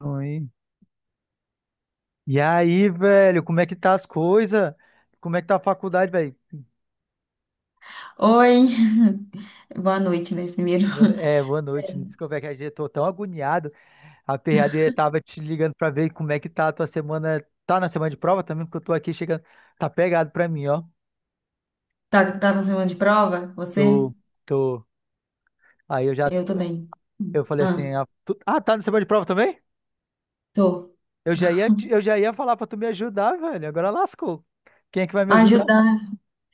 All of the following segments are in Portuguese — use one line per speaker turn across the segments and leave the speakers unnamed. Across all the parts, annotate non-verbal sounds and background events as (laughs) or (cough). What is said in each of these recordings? Oi. E aí, velho, como é que tá as coisas? Como é que tá a faculdade, velho?
Oi, (laughs) boa noite, né? Primeiro.
Boa no-
(laughs)
É, boa noite. Desculpa, é que a gente tô tão agoniado. A PhD tava te ligando pra ver como é que tá a tua semana. Tá na semana de prova também, porque eu tô aqui chegando. Tá pegado pra mim, ó.
Tá na semana de prova? Você?
Tô, tô. Aí eu já.
Eu
Tô-
também.
Eu falei
Ah,
assim, tá na semana de prova também?
tô.
Eu já ia falar pra tu me ajudar, velho. Agora lascou. Quem é que vai me ajudar?
Ajudar.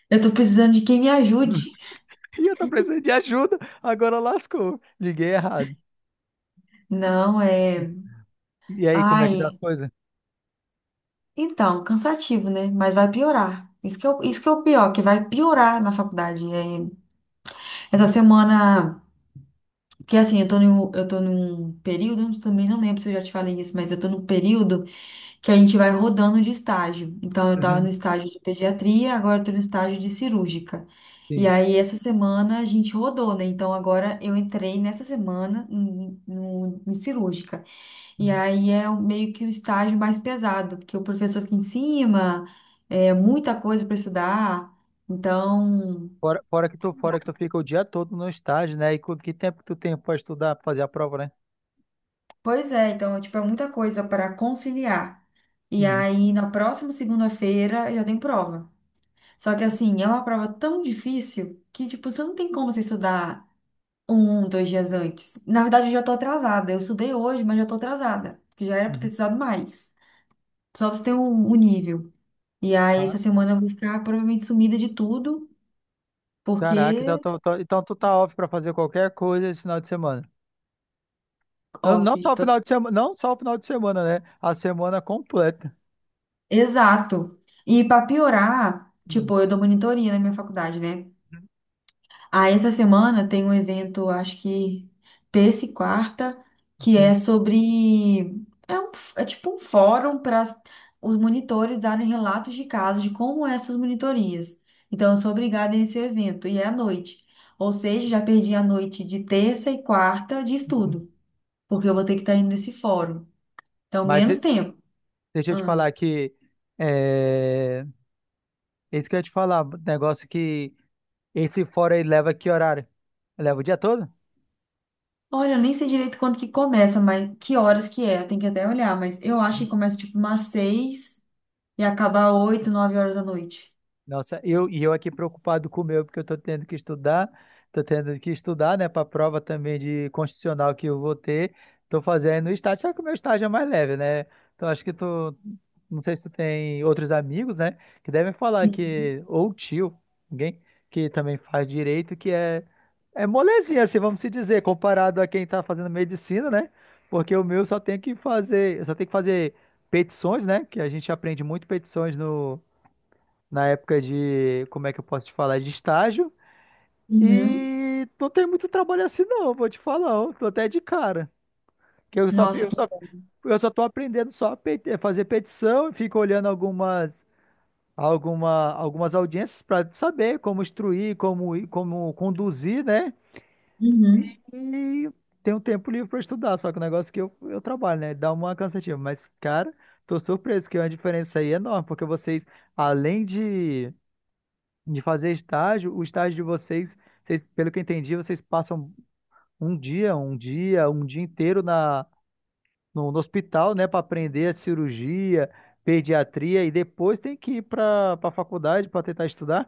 Eu tô precisando de quem me ajude.
(laughs) E eu tô precisando de ajuda. Agora lascou. Liguei errado.
Não, é.
E aí, como é que tá as
Ai,
coisas?
então, cansativo, né? Mas vai piorar. Isso que é o pior, que vai piorar na faculdade. É, essa semana. Porque assim, eu tô num período, eu também não lembro se eu já te falei isso, mas eu tô num período, que a gente vai rodando de estágio. Então, eu estava no
Uhum,
estágio de pediatria, agora estou no estágio de cirúrgica. E
sim.
aí, essa semana a gente rodou, né? Então, agora eu entrei nessa semana em cirúrgica. E
Uhum.
aí é meio que o estágio mais pesado, porque o professor fica em cima, é muita coisa para estudar. Então,
Fora que tu fica o dia todo no estágio, né? E com que tempo que tu tem pra estudar, pra fazer a prova, né?
pois é, então, tipo, é muita coisa para conciliar. E
Uhum,
aí, na próxima segunda-feira, eu já tenho prova. Só que assim, é uma prova tão difícil que, tipo, você não tem como você estudar um, dois dias antes. Na verdade, eu já tô atrasada. Eu estudei hoje, mas já tô atrasada. Que Já era pra ter
uhum.
estudado mais. Só pra você ter um nível. E aí,
Ah,
essa semana eu vou ficar provavelmente sumida de tudo,
caraca, então,
porque
então tu tá off pra fazer qualquer coisa esse final de semana. Não,
off.
não só o final de semana, não só o final de semana, né? A semana completa.
Exato. E pra piorar,
Uhum,
tipo, eu dou monitoria na minha faculdade, né? Ah, essa semana tem um evento, acho que terça e quarta, que
uhum,
é sobre. É, é tipo um fórum para os monitores darem relatos de casos de como é essas monitorias. Então, eu sou obrigada nesse evento, e é à noite. Ou seja, já perdi a noite de terça e quarta de
uhum.
estudo, porque eu vou ter que estar indo nesse fórum. Então,
Mas
menos
e-
tempo.
deixa eu te
Ah.
falar que é, isso que eu ia te falar, negócio que esse fora aí leva que horário? Leva o dia todo?
Olha, eu nem sei direito quando que começa, mas que horas que é, eu tenho que até olhar, mas eu acho que começa tipo umas seis e acabar oito, nove horas da noite.
Nossa, eu, e eu aqui preocupado com o meu, porque eu estou tendo que estudar, estou tendo que estudar, né, para a prova também de constitucional que eu vou ter, estou fazendo estágio, só que o meu estágio é mais leve, né? Então acho que tu, não sei se tu tem outros amigos, né, que devem falar
Uhum.
que, ou tio, alguém que também faz direito, é molezinha, assim, vamos se dizer, comparado a quem está fazendo medicina, né? Porque o meu só tem que fazer, eu só tem que fazer petições, né, que a gente aprende muito petições no na época de, como é que eu posso te falar, de estágio.
Uhum.
E não tem muito trabalho assim não, vou te falar, ó, tô até de cara. Que
Nossa, que inferno.
eu só tô aprendendo só a a fazer petição e fico olhando algumas, algumas audiências para saber como instruir, como conduzir, né?
Uhum.
E tem um tempo livre para estudar, só que o negócio é que eu trabalho, né? Dá uma cansativa, mas cara, tô surpreso que é uma diferença aí é enorme, porque vocês, além de fazer estágio, o estágio de vocês, vocês, pelo que eu entendi, vocês passam um dia inteiro no hospital, né, para aprender a cirurgia, pediatria e depois tem que ir para a faculdade para tentar estudar?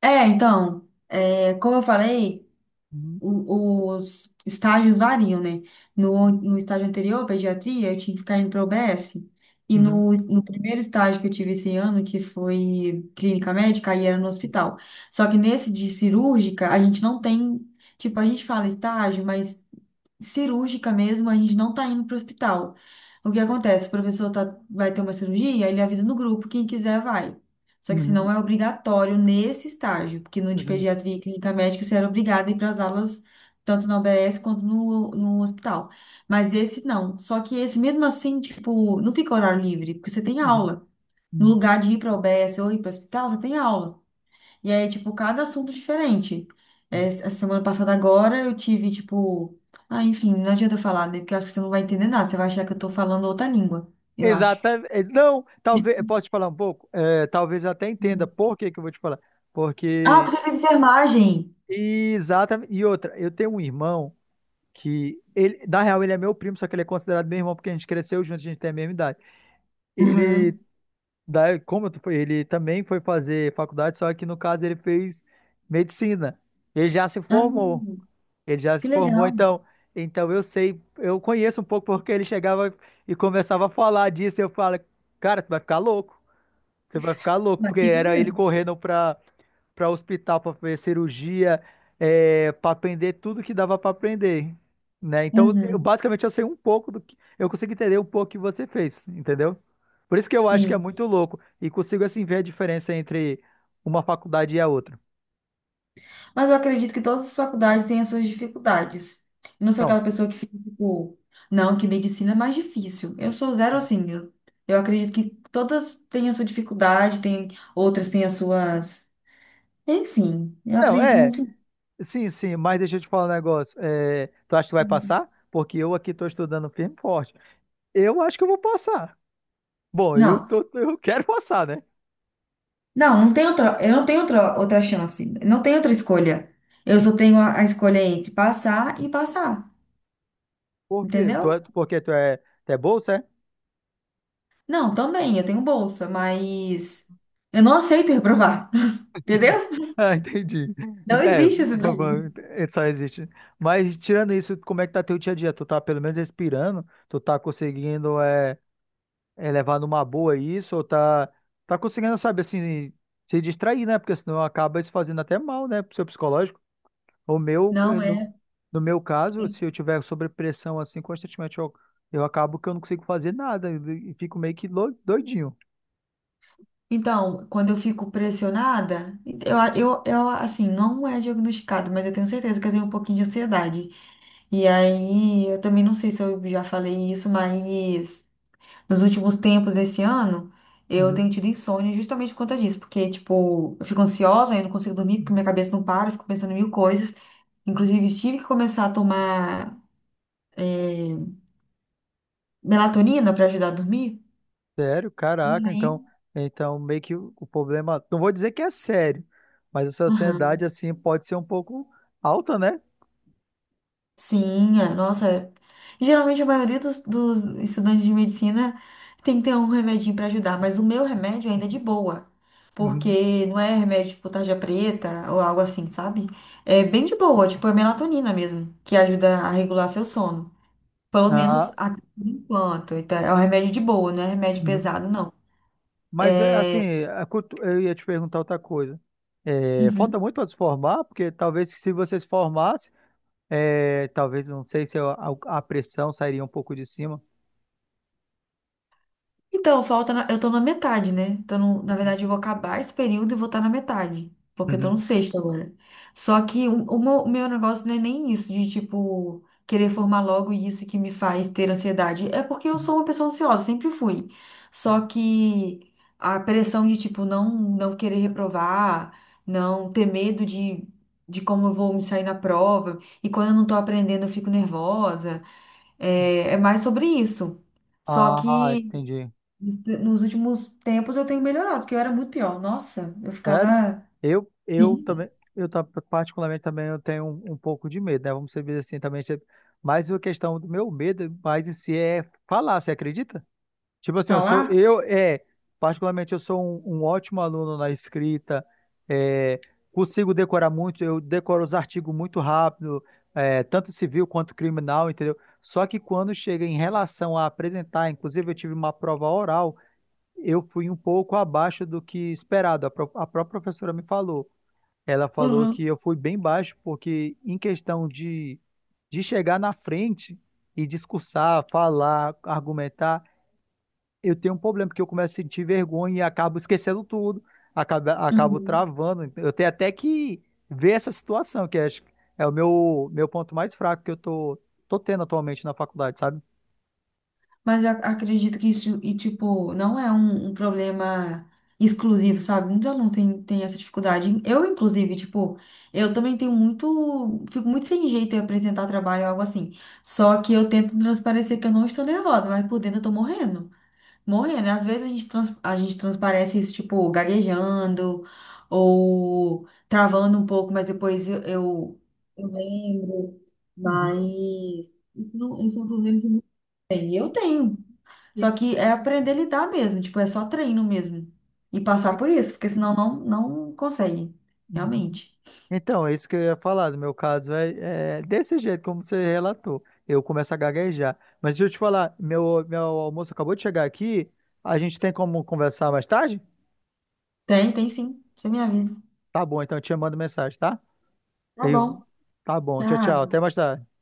É, então, é, como eu falei,
Uhum,
os estágios variam, né? No estágio anterior, pediatria, eu tinha que ficar indo para o UBS. E
uhum,
no primeiro estágio que eu tive esse ano, que foi clínica médica, aí era no hospital. Só que nesse de cirúrgica, a gente não tem. Tipo, a gente fala estágio, mas cirúrgica mesmo, a gente não tá indo pro hospital. O que acontece? O professor tá, vai ter uma cirurgia, ele avisa no grupo, quem quiser vai. Só que se
uhum,
não é obrigatório nesse estágio, porque no de
uhum,
pediatria e clínica médica você era obrigado a ir para as aulas tanto na UBS quanto no hospital. Mas esse não. Só que esse mesmo assim, tipo, não fica horário livre, porque você tem
uhum,
aula. No
uhum.
lugar de ir para a UBS ou ir para o hospital, você tem aula. E aí, tipo, cada assunto diferente. É, a semana passada agora eu tive, tipo. Ah, enfim, não adianta eu falar, né? Porque eu acho que você não vai entender nada. Você vai achar que eu tô falando outra língua, eu acho.
Exatamente. Não, talvez, posso te falar um pouco? É, talvez eu até entenda
Uhum.
por que que eu vou te falar.
Ah, porque
Porque,
você fez enfermagem!
exatamente. E outra, eu tenho um irmão que ele, na real, ele é meu primo, só que ele é considerado meu irmão porque a gente cresceu junto, a gente tem a mesma idade. Ele,
Aham.
da, como eu- Ele também foi fazer faculdade, só que no caso ele fez medicina. Ele já se formou.
Ah,
Ele já
que
se formou,
legal.
então, então eu sei, eu conheço um pouco porque ele chegava e começava a falar disso, e eu falo, cara, tu vai ficar louco. Você vai ficar louco,
Mas
porque
fica
era ele
mesmo.
correndo para hospital para fazer cirurgia, é, para aprender tudo que dava para aprender, né? Então,
Uhum.
basicamente, eu sei um pouco do que eu consigo entender um pouco que você fez, entendeu? Por isso que eu acho que é
Sim.
muito louco e consigo assim ver a diferença entre uma faculdade e a outra.
Mas eu acredito que todas as faculdades têm as suas dificuldades. Eu não sou
Não,
aquela pessoa que fica tipo, não, que medicina é mais difícil. Eu sou zero assim. Eu acredito que todas têm a sua dificuldade, tem, outras têm as suas. Enfim, eu
não,
acredito
é,
muito.
sim, sim, mas deixa eu te falar um negócio. É, tu acha que vai
em-
passar? Porque eu aqui tô estudando firme e forte. Eu acho que eu vou passar. Bom, eu
Não,
tô, eu quero passar, né?
não, não tem outra, eu não tenho outra chance, não tenho outra escolha. Eu só tenho a escolha entre passar e passar,
Por quê?
entendeu?
Tu é bolsa, é?
Não, também, eu tenho bolsa, mas eu não aceito reprovar, (laughs) entendeu?
Ah, entendi.
Não
É,
existe isso.
va- va- é, só existe. Mas tirando isso, como é que tá teu dia a dia? Tu tá pelo menos respirando? Tu tá conseguindo é, levar numa boa isso? Ou tá, tá conseguindo, sabe, assim, se distrair, né? Porque senão acaba isso fazendo até mal, né, pro seu psicológico. O meu, eh,
Não é.
no meu caso, se
E-
eu tiver sobrepressão assim constantemente, eu acabo que eu não consigo fazer nada e fico meio que doidinho.
Então, quando eu fico pressionada, eu assim, não é diagnosticado, mas eu tenho certeza que eu tenho um pouquinho de ansiedade. E aí, eu também não sei se eu já falei isso, mas nos últimos tempos desse ano, eu tenho
Uhum.
tido insônia justamente por conta disso, porque, tipo, eu fico ansiosa, eu não consigo dormir porque minha cabeça não para, eu fico pensando em mil coisas. Inclusive, tive que começar a tomar, eh, melatonina para ajudar a dormir.
Sério?
E
Caraca,
aí,
então, então meio que o problema, não vou dizer que é sério, mas a
aham.
sociedade assim pode ser um pouco alta, né?
Sim, é, nossa, é. Geralmente a maioria dos estudantes de medicina tem que ter um remedinho para ajudar, mas o meu remédio ainda é de boa,
Uhum.
porque não é remédio tipo tarja preta ou algo assim, sabe? É bem de boa, tipo é melatonina mesmo, que ajuda a regular seu sono. Pelo menos
Ah,
até por enquanto. Então, é um remédio de boa, não é remédio
uhum.
pesado, não.
Mas é, assim, eu ia te perguntar outra coisa. É, falta
Uhum.
muito para se formar, porque talvez se você se formasse, é, talvez não sei se a, a pressão sairia um pouco de cima.
Então, eu tô na metade, né? Então, na
Uhum.
verdade, eu vou acabar esse período e vou estar na metade, porque eu tô no sexto agora. Só que o meu negócio não é nem isso de, tipo, querer formar logo isso que me faz ter ansiedade. É porque eu
Uhum.
sou uma pessoa ansiosa, sempre fui. Só que a pressão de, tipo, não, não querer reprovar, não ter medo de como eu vou me sair na prova, e quando eu não tô aprendendo, eu fico nervosa. É, é mais sobre isso. Só
Ah,
que.
entendi.
Nos nos últimos tempos eu tenho melhorado, porque eu era muito pior. Nossa, eu
Sério?
ficava
Eu
sim,
também, particularmente também eu tenho um, um pouco de medo, né? Vamos dizer assim também, tipo, mas a questão do meu medo mais em si é falar, você acredita? Tipo assim, eu sou,
falar.
eu, é, particularmente eu sou um, um ótimo aluno na escrita, é, consigo decorar muito, eu decoro os artigos muito rápido, é, tanto civil quanto criminal, entendeu? Só que quando chega em relação a apresentar, inclusive eu tive uma prova oral, eu fui um pouco abaixo do que esperado. A própria professora me falou. Ela falou que
Uhum.
eu fui bem baixo, porque em questão de chegar na frente e discursar, falar, argumentar, eu tenho um problema, porque eu começo a sentir vergonha e acabo esquecendo tudo, acabo
Uhum.
travando. Eu tenho até que ver essa situação, que acho que é o meu, meu ponto mais fraco que eu tô, tô tendo atualmente na faculdade, sabe?
Mas eu acredito que isso, e tipo, não é um problema exclusivo, sabe? Muitos alunos têm, têm essa dificuldade. Eu, inclusive, tipo, eu também tenho muito, fico muito sem jeito em apresentar trabalho ou algo assim. Só que eu tento transparecer que eu não estou nervosa, mas por dentro eu tô morrendo. Morrendo. Às vezes a gente, a gente transparece isso, tipo, gaguejando ou travando um pouco, mas depois eu lembro.
Uhum.
Mas isso, não, isso é um problema que não tem. Eu tenho.
E-
Só que é aprender a lidar mesmo, tipo, é só treino mesmo. Passar por isso, porque senão não, não consegue,
e-
realmente.
Então, é isso que eu ia falar. No meu caso, é desse jeito, como você relatou. Eu começo a gaguejar. Mas deixa eu te falar, meu almoço acabou de chegar aqui. A gente tem como conversar mais tarde?
Tem, tem sim. Você me avisa.
Tá bom, então eu te mando mensagem, tá?
Tá
E,
bom.
tá bom, tchau, tchau.
Tchau.
Até mais tarde.